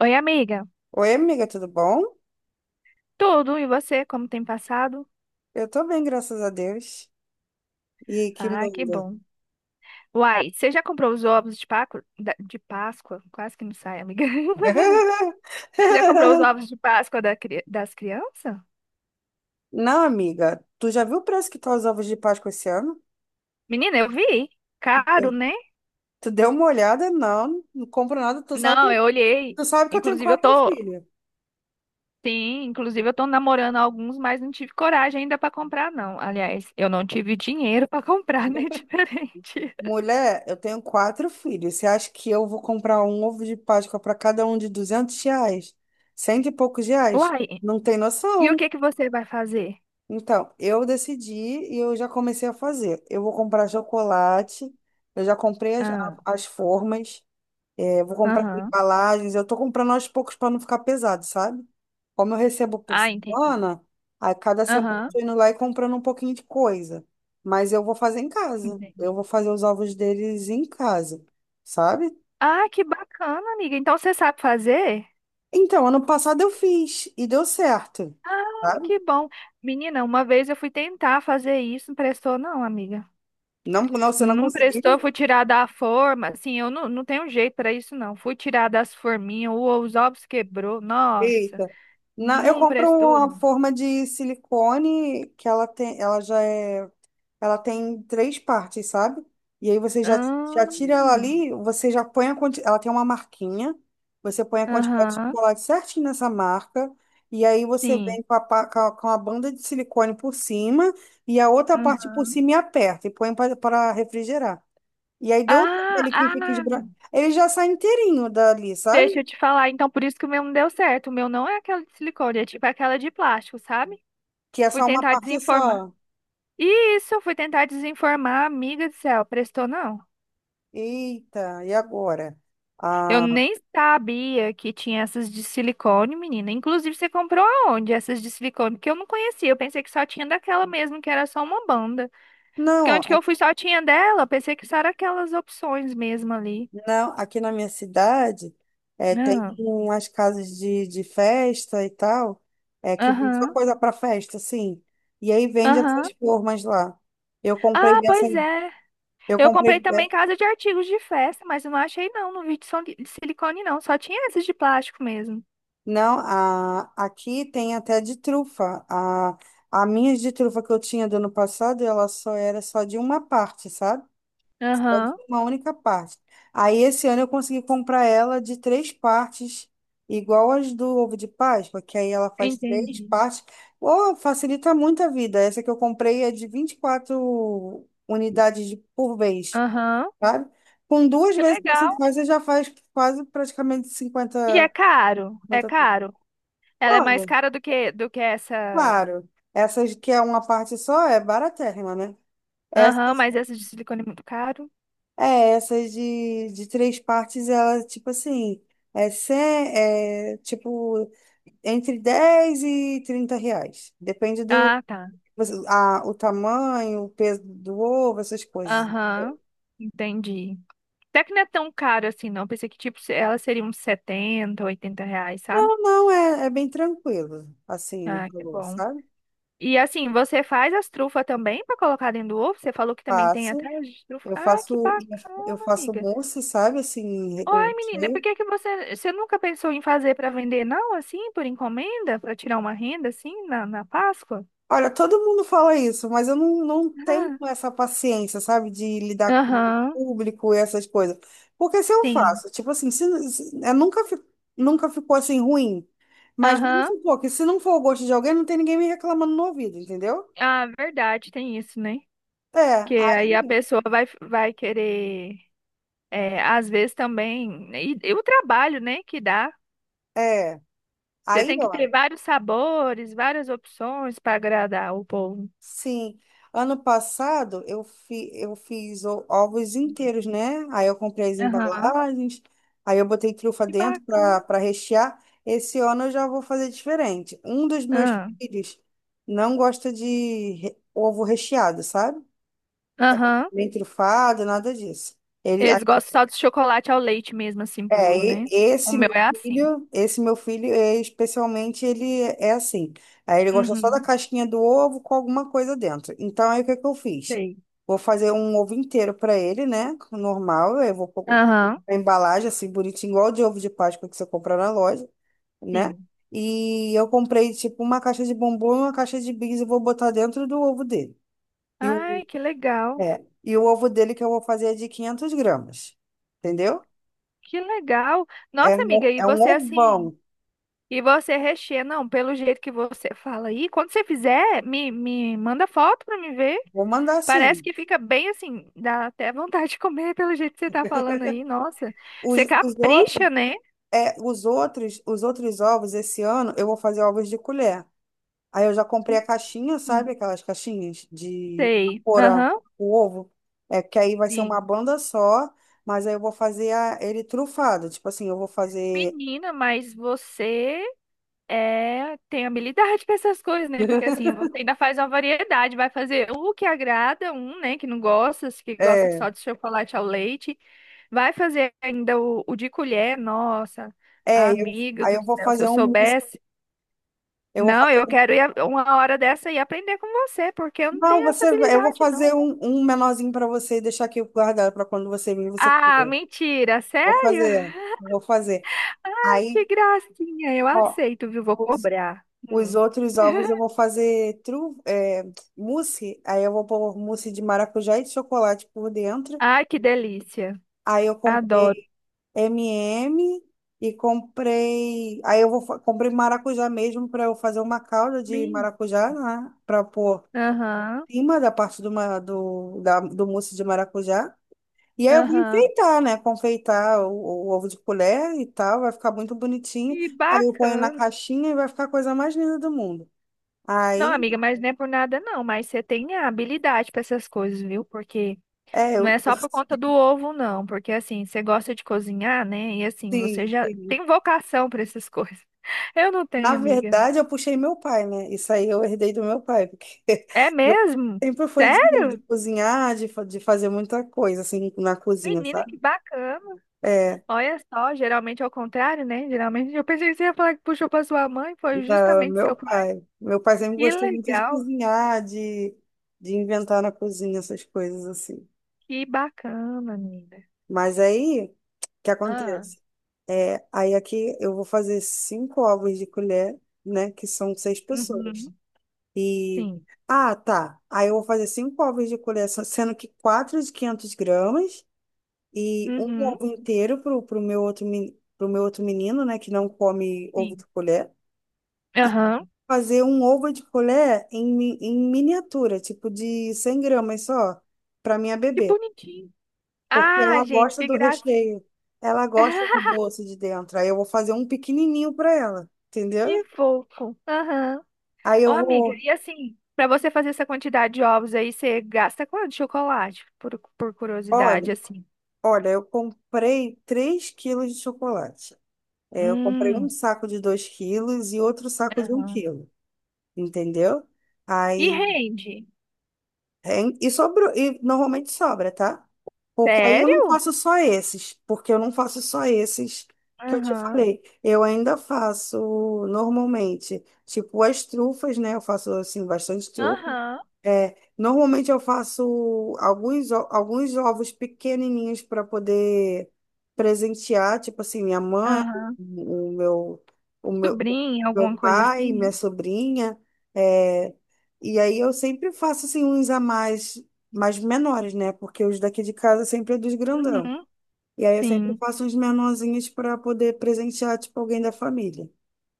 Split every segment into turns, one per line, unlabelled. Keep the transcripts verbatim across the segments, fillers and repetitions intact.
Oi, amiga.
Oi, amiga, tudo bom?
Tudo, e você? Como tem passado?
Eu tô bem, graças a Deus. E que
Ah, que
manda?
bom. Uai, você já comprou os ovos de Paco, da- de Páscoa? Quase que não sai, amiga. Você já comprou os ovos de Páscoa da cri- das crianças?
Não, amiga, tu já viu o preço que tá os ovos de Páscoa esse ano?
Menina, eu vi. Caro, né?
Tu deu uma olhada? Não, não compro nada. Tu sabe,
Não,
que-
eu olhei.
tu sabe que eu tenho
Inclusive, eu
quatro
tô.
filhos.
Sim, inclusive eu tô namorando alguns, mas não tive coragem ainda pra comprar, não. Aliás, eu não tive dinheiro pra comprar, né? Diferente.
Mulher, eu tenho quatro filhos. Você acha que eu vou comprar um ovo de Páscoa para cada um de duzentos reais? Cento e poucos reais?
Uai,
Não tem
e o
noção.
que que você vai fazer?
Então, eu decidi e eu já comecei a fazer. Eu vou comprar chocolate, eu já comprei as, a-
Ah,
as formas, é, vou comprar as
aham.
embalagens, eu tô comprando aos poucos para não ficar pesado, sabe? Como eu recebo por
Ah, entendi.
semana, a cada semana eu
Aham.
tô indo lá e comprando um pouquinho de coisa. Mas eu vou fazer em casa. Eu vou fazer os ovos deles em casa, sabe?
Ah, que bacana, amiga. Então você sabe fazer?
Então, ano passado eu fiz e deu certo,
Ah,
sabe?
que bom. Menina, uma vez eu fui tentar fazer isso, não prestou não, amiga.
Não, não, você não
Não prestou,
conseguiu?
fui tirar da forma. Assim, eu não, não tenho jeito para isso não. Fui tirar das forminhas, o- os ovos quebrou. Nossa,
Eita. Não, eu
não
compro
prestou
uma
não.
forma de silicone que ela tem, ela já é, ela tem três partes, sabe? E aí você já,
Ah,
já tira ela ali, você já põe a quantidade, ela tem uma marquinha, você põe a quantidade de
aham,
chocolate certinho nessa marca, e aí você
sim.
vem com a, pa- com a, com a banda de silicone por cima e a outra parte por
Aham.
cima e aperta e põe para refrigerar. E aí deu
Ah,
aquele que fica
ah,
esbranquiçado. Ele já sai inteirinho dali,
deixa
sabe?
eu te falar. Então, por isso que o meu não deu certo. O meu não é aquela de silicone, é tipo aquela de plástico, sabe?
Que é
Fui
só uma
tentar
parte
desenformar.
só.
E isso, eu fui tentar desinformar, amiga do céu, prestou não.
Eita, e agora?
Eu
Ah,
nem sabia que tinha essas de silicone, menina. Inclusive, você comprou aonde essas de silicone? Porque eu não conhecia, eu pensei que só tinha daquela mesmo, que era só uma banda. Porque onde que
não,
eu fui só tinha dela, eu pensei que só era aquelas opções mesmo ali.
não, aqui na minha cidade é, tem
Ah,
umas casas de, de festa e tal, é, que vende só
aham,
coisa para festa, sim. E aí vende
aham.
essas formas lá. Eu comprei
Ah,
dessa,
pois é.
eu
Eu
comprei,
comprei
de-
também casa de artigos de festa, mas eu não achei não, não vi de sol- de silicone não, só tinha essas de plástico mesmo.
não, a, aqui tem até de trufa. A, a minha de trufa que eu tinha do ano passado, ela só era só de uma parte, sabe? Pode
Aham,
ser uma única parte. Aí esse ano eu consegui comprar ela de três partes, igual as do ovo de Páscoa, que aí ela faz três
entendi.
partes. Oh, facilita muito a vida. Essa que eu comprei é de vinte e quatro unidades de- por vez,
Aham.
sabe? Com duas
Que
vezes que
legal.
você faz, você já faz quase praticamente
E é
cinquenta.
caro, é
50...
caro. Ela é mais
Olha,
cara do que do que essa.
claro. Essas que é uma parte só é baratérrima, né?
Aham, mas essa de silicone é muito caro.
É, essas de, de três partes, ela, tipo assim, é, cem, é tipo entre dez e trinta reais. Depende do
Ah, tá.
a, o tamanho, o peso do ovo, essas coisas.
Aham. Entendi. Até que não é tão caro assim, não. Pensei que tipo se- ela seria uns setenta, oitenta reais, sabe?
Não, não, é, é bem tranquilo, assim, o
Ah, que
valor,
bom.
sabe?
E assim, você faz as trufas também pra colocar dentro do ovo? Você falou que também tem
Faço,
atrás de trufa.
eu
Ah, que
faço, eu
bacana,
faço
amiga.
mousse, sabe? Assim, o
Uai, menina, por
recheio
que que você, você nunca pensou em fazer para vender, não, assim, por encomenda, para tirar uma renda, assim, na, na Páscoa?
Olha, todo mundo fala isso, mas eu não, não tenho
Ah,
essa paciência, sabe, de lidar com o
aham,
público e essas coisas. Porque se eu
sim.
faço, tipo assim, se, se- é, nunca, fi- nunca ficou assim ruim, mas vamos
Aham.
supor que se não for o gosto de alguém, não tem ninguém me reclamando no ouvido, entendeu?
Ah, verdade, tem isso, né?
É,
Que aí a
aí,
pessoa vai, vai querer, é, às vezes também, né, e, e o trabalho, né, que dá.
é,
Você
aí,
tem que
ó.
ter vários sabores, várias opções para agradar o povo.
Sim, ano passado eu, fi, eu fiz o- ovos inteiros, né? Aí eu comprei as
Aham.
embalagens, aí eu botei trufa
Que
dentro para
bacana.
para rechear. Esse ano eu já vou fazer diferente. Um dos meus
Ah,
filhos não gosta de re- ovo recheado, sabe?
aham.
Nem trufado, nada disso. Ele,
Eles gostam só de chocolate ao leite mesmo, assim,
é,
puro,
e-
né? O
esse
meu
meu
é assim.
filho, esse meu filho, é, especialmente, ele é assim. Aí ele gosta só da
Uhum,
casquinha do ovo com alguma coisa dentro. Então, aí o que que eu fiz?
sei.
Vou fazer um ovo inteiro para ele, né? Normal, eu vou pôr
Aham,
a embalagem assim, bonitinho, igual de ovo de Páscoa que você compra na loja, né?
sim.
E eu comprei, tipo, uma caixa de bombom e uma caixa de bis e vou botar dentro do ovo dele. E o,
Ai, que legal.
é, e o ovo dele que eu vou fazer é de quinhentos gramas, entendeu?
Que legal.
É,
Nossa, amiga,
um-
e
é um
você assim,
ovão.
e você recheia, não, pelo jeito que você fala aí, quando você fizer, me, me manda foto pra me ver.
Vou mandar
Parece
sim.
que fica bem assim, dá até vontade de comer pelo jeito que você tá falando aí. Nossa,
Os,
você
os outros,
capricha, né?
é, os outros, os outros ovos esse ano eu vou fazer ovos de colher. Aí eu já comprei a caixinha, sabe? Aquelas caixinhas de
Sei.
pôr a-
Aham.
o ovo. É que aí vai ser uma
Sim.
banda só, mas aí eu vou fazer a- ele trufado. Tipo assim, eu vou fazer.
Menina, mas você é, tem habilidade para essas coisas, né? Porque assim, você ainda faz uma variedade, vai fazer o que agrada um, né, que não gosta, que gosta
É,
só de chocolate ao leite, vai fazer ainda o, o de colher, nossa,
é, eu-
amiga
aí
do
eu vou
céu, se
fazer
eu
um mousse.
soubesse,
Eu vou
não,
fazer.
eu
um-
quero ir a- uma hora dessa e aprender com você, porque eu não
Não,
tenho essa
você, vai- eu vou
habilidade, não.
fazer um, um menorzinho para você e deixar aqui guardado para quando você vir, você
Ah,
comer.
mentira,
Vou
sério?
fazer, vou fazer.
Que
Aí
gracinha, eu
Ó,
aceito, viu? Vou
os,
cobrar.
os
Hum.
outros ovos eu vou fazer tru, é, mousse, aí eu vou pôr mousse de maracujá e de chocolate por dentro.
Ai, que delícia,
Aí eu comprei
adoro.
M e M e M e comprei, aí eu vou fa- comprei maracujá mesmo para eu fazer uma calda de
Bem,
maracujá, né? Para pôr
aham.
em cima da parte do, ma- do, da, do mousse de maracujá. E aí eu vou
Aham.
enfeitar, né? Confeitar o, o ovo de colher e tal, vai ficar muito bonitinho.
Que
Aí eu ponho na
bacana.
caixinha e vai ficar a coisa mais linda do mundo.
Não,
Aí
amiga, mas não é por nada não, mas você tem a habilidade para essas coisas, viu? Porque
É,
não
eu,
é só por conta do ovo não, porque assim, você gosta de cozinhar, né? E assim, você
sim,
já
sim.
tem vocação para essas coisas. Eu não
Na
tenho, amiga.
verdade, eu puxei meu pai, né? Isso aí eu herdei do meu pai, porque
É
meu pai
mesmo?
sempre foi de, de
Sério?
cozinhar, de, fa- de fazer muita coisa, assim, na cozinha,
Menina, que
sabe?
bacana.
É,
Olha só, geralmente é o contrário, né? Geralmente eu pensei que você ia falar que puxou para sua mãe, foi
da-
justamente
meu
seu pai.
pai. Meu pai sempre
Que
gostou muito de
legal.
cozinhar, de, de inventar na cozinha, essas coisas assim.
Que bacana, menina.
Mas aí, o que
Ah,
acontece? É, aí aqui eu vou fazer cinco ovos de colher, né? Que são seis pessoas.
uhum.
E.
Sim.
Ah, tá. Aí eu vou fazer cinco ovos de colher, sendo que quatro de quinhentos gramas e um
Uhum.
ovo inteiro pro, pro meu outro, meni- pro meu outro menino, né, que não come ovo de
Sim.
colher. E
Aham.
fazer um ovo de colher em, mi- em miniatura, tipo de cem gramas só, para minha
Que
bebê.
bonitinho.
Porque
Ah,
ela
gente,
gosta
que
do
gracinha.
recheio, ela gosta do doce de dentro. Aí eu vou fazer um pequenininho para ela, entendeu?
Que fofo. Aham.
Aí
Ô,
eu
amiga,
vou.
e assim, pra você fazer essa quantidade de ovos aí, você gasta quanto de chocolate? Por, por
Olha.
curiosidade, assim.
Olha, eu comprei três quilos de chocolate. É, eu comprei um
Hum.
saco de dois quilos e outro saco de um
Aham.
quilo, entendeu?
E
Aí,
rende?
é, e sobrou, e normalmente sobra, tá? Porque aí eu não
Sério?
faço só esses, porque eu não faço só esses que eu te
Aham.
falei. Eu ainda faço normalmente, tipo as trufas, né? Eu faço assim bastante trufa.
Aham.
É, normalmente eu faço alguns, o- alguns ovos pequenininhos para poder presentear, tipo assim, minha mãe,
Aham.
o meu, o meu,
Sobrinho,
meu
alguma coisa
pai,
assim? Né?
minha sobrinha. é, e aí eu sempre faço assim uns a mais, mais menores, né? Porque os daqui de casa sempre é dos grandão.
Uhum.
E aí eu sempre
Sim.
faço uns menorzinhos para poder presentear, tipo, alguém da família.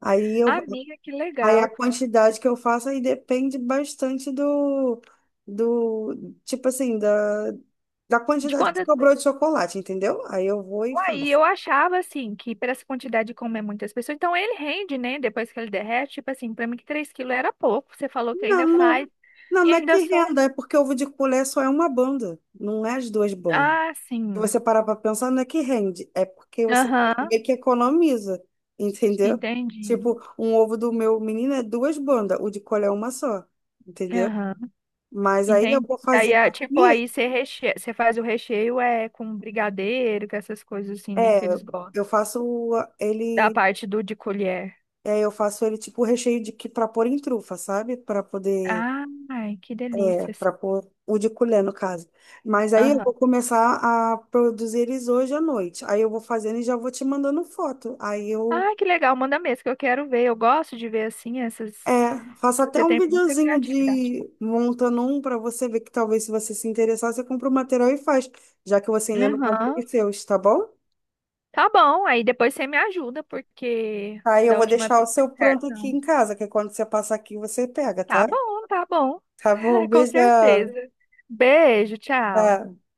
Aí eu
Amiga, que
Aí a
legal.
quantidade que eu faço aí depende bastante do, do tipo assim, da, da
De
quantidade que
quantas?
sobrou de chocolate, entendeu? Aí eu vou e
Aí
faço.
eu achava assim que para essa quantidade de comer muitas pessoas, então ele rende, né? Depois que ele derrete, tipo assim, para mim que três quilos era pouco. Você falou que
Não,
ainda
não,
faz
não,
e
não é que
ainda só.
renda, é porque ovo de colher só é uma banda, não é as duas bandas.
Ah,
Se
sim.
você parar para pensar, não é que rende, é porque você
Aham,
meio que economiza, entendeu?
entendi.
Tipo, um ovo do meu menino é duas bandas, o de colher é uma só, entendeu?
Aham,
Mas aí eu vou
entendi. Aí,
fazer
ah, tipo,
aqui.
aí você reche... você faz o recheio é com brigadeiro, com essas coisas assim, né? Que
É,
eles gostam.
eu faço
Da
ele,
parte do de colher.
é, eu faço ele tipo recheio de que para pôr em trufa, sabe? Para poder,
Ai, que delícia. Assim.
para pôr o de colher no caso. Mas aí eu vou
Aham.
começar a produzir eles hoje à noite. Aí eu vou fazendo e já vou te mandando foto. Aí eu
Ah, que legal, manda mesmo que eu quero ver. Eu gosto de ver assim essas.
é, faço até
Você
um
tem muita
videozinho
criatividade.
de montando um para você ver que talvez se você se interessar, você compra o material e faz, já que você ainda não comprou
Aham.
os seus, tá bom?
Tá bom, aí depois você me ajuda, porque
Aí eu
da
vou
última
deixar
vez
o
não deu
seu
certo.
pronto aqui
Não.
em casa, que é quando você passar aqui você pega,
Tá
tá?
bom, tá bom.
Tá bom,
Com
beijão.
certeza. Beijo, tchau.
Tá.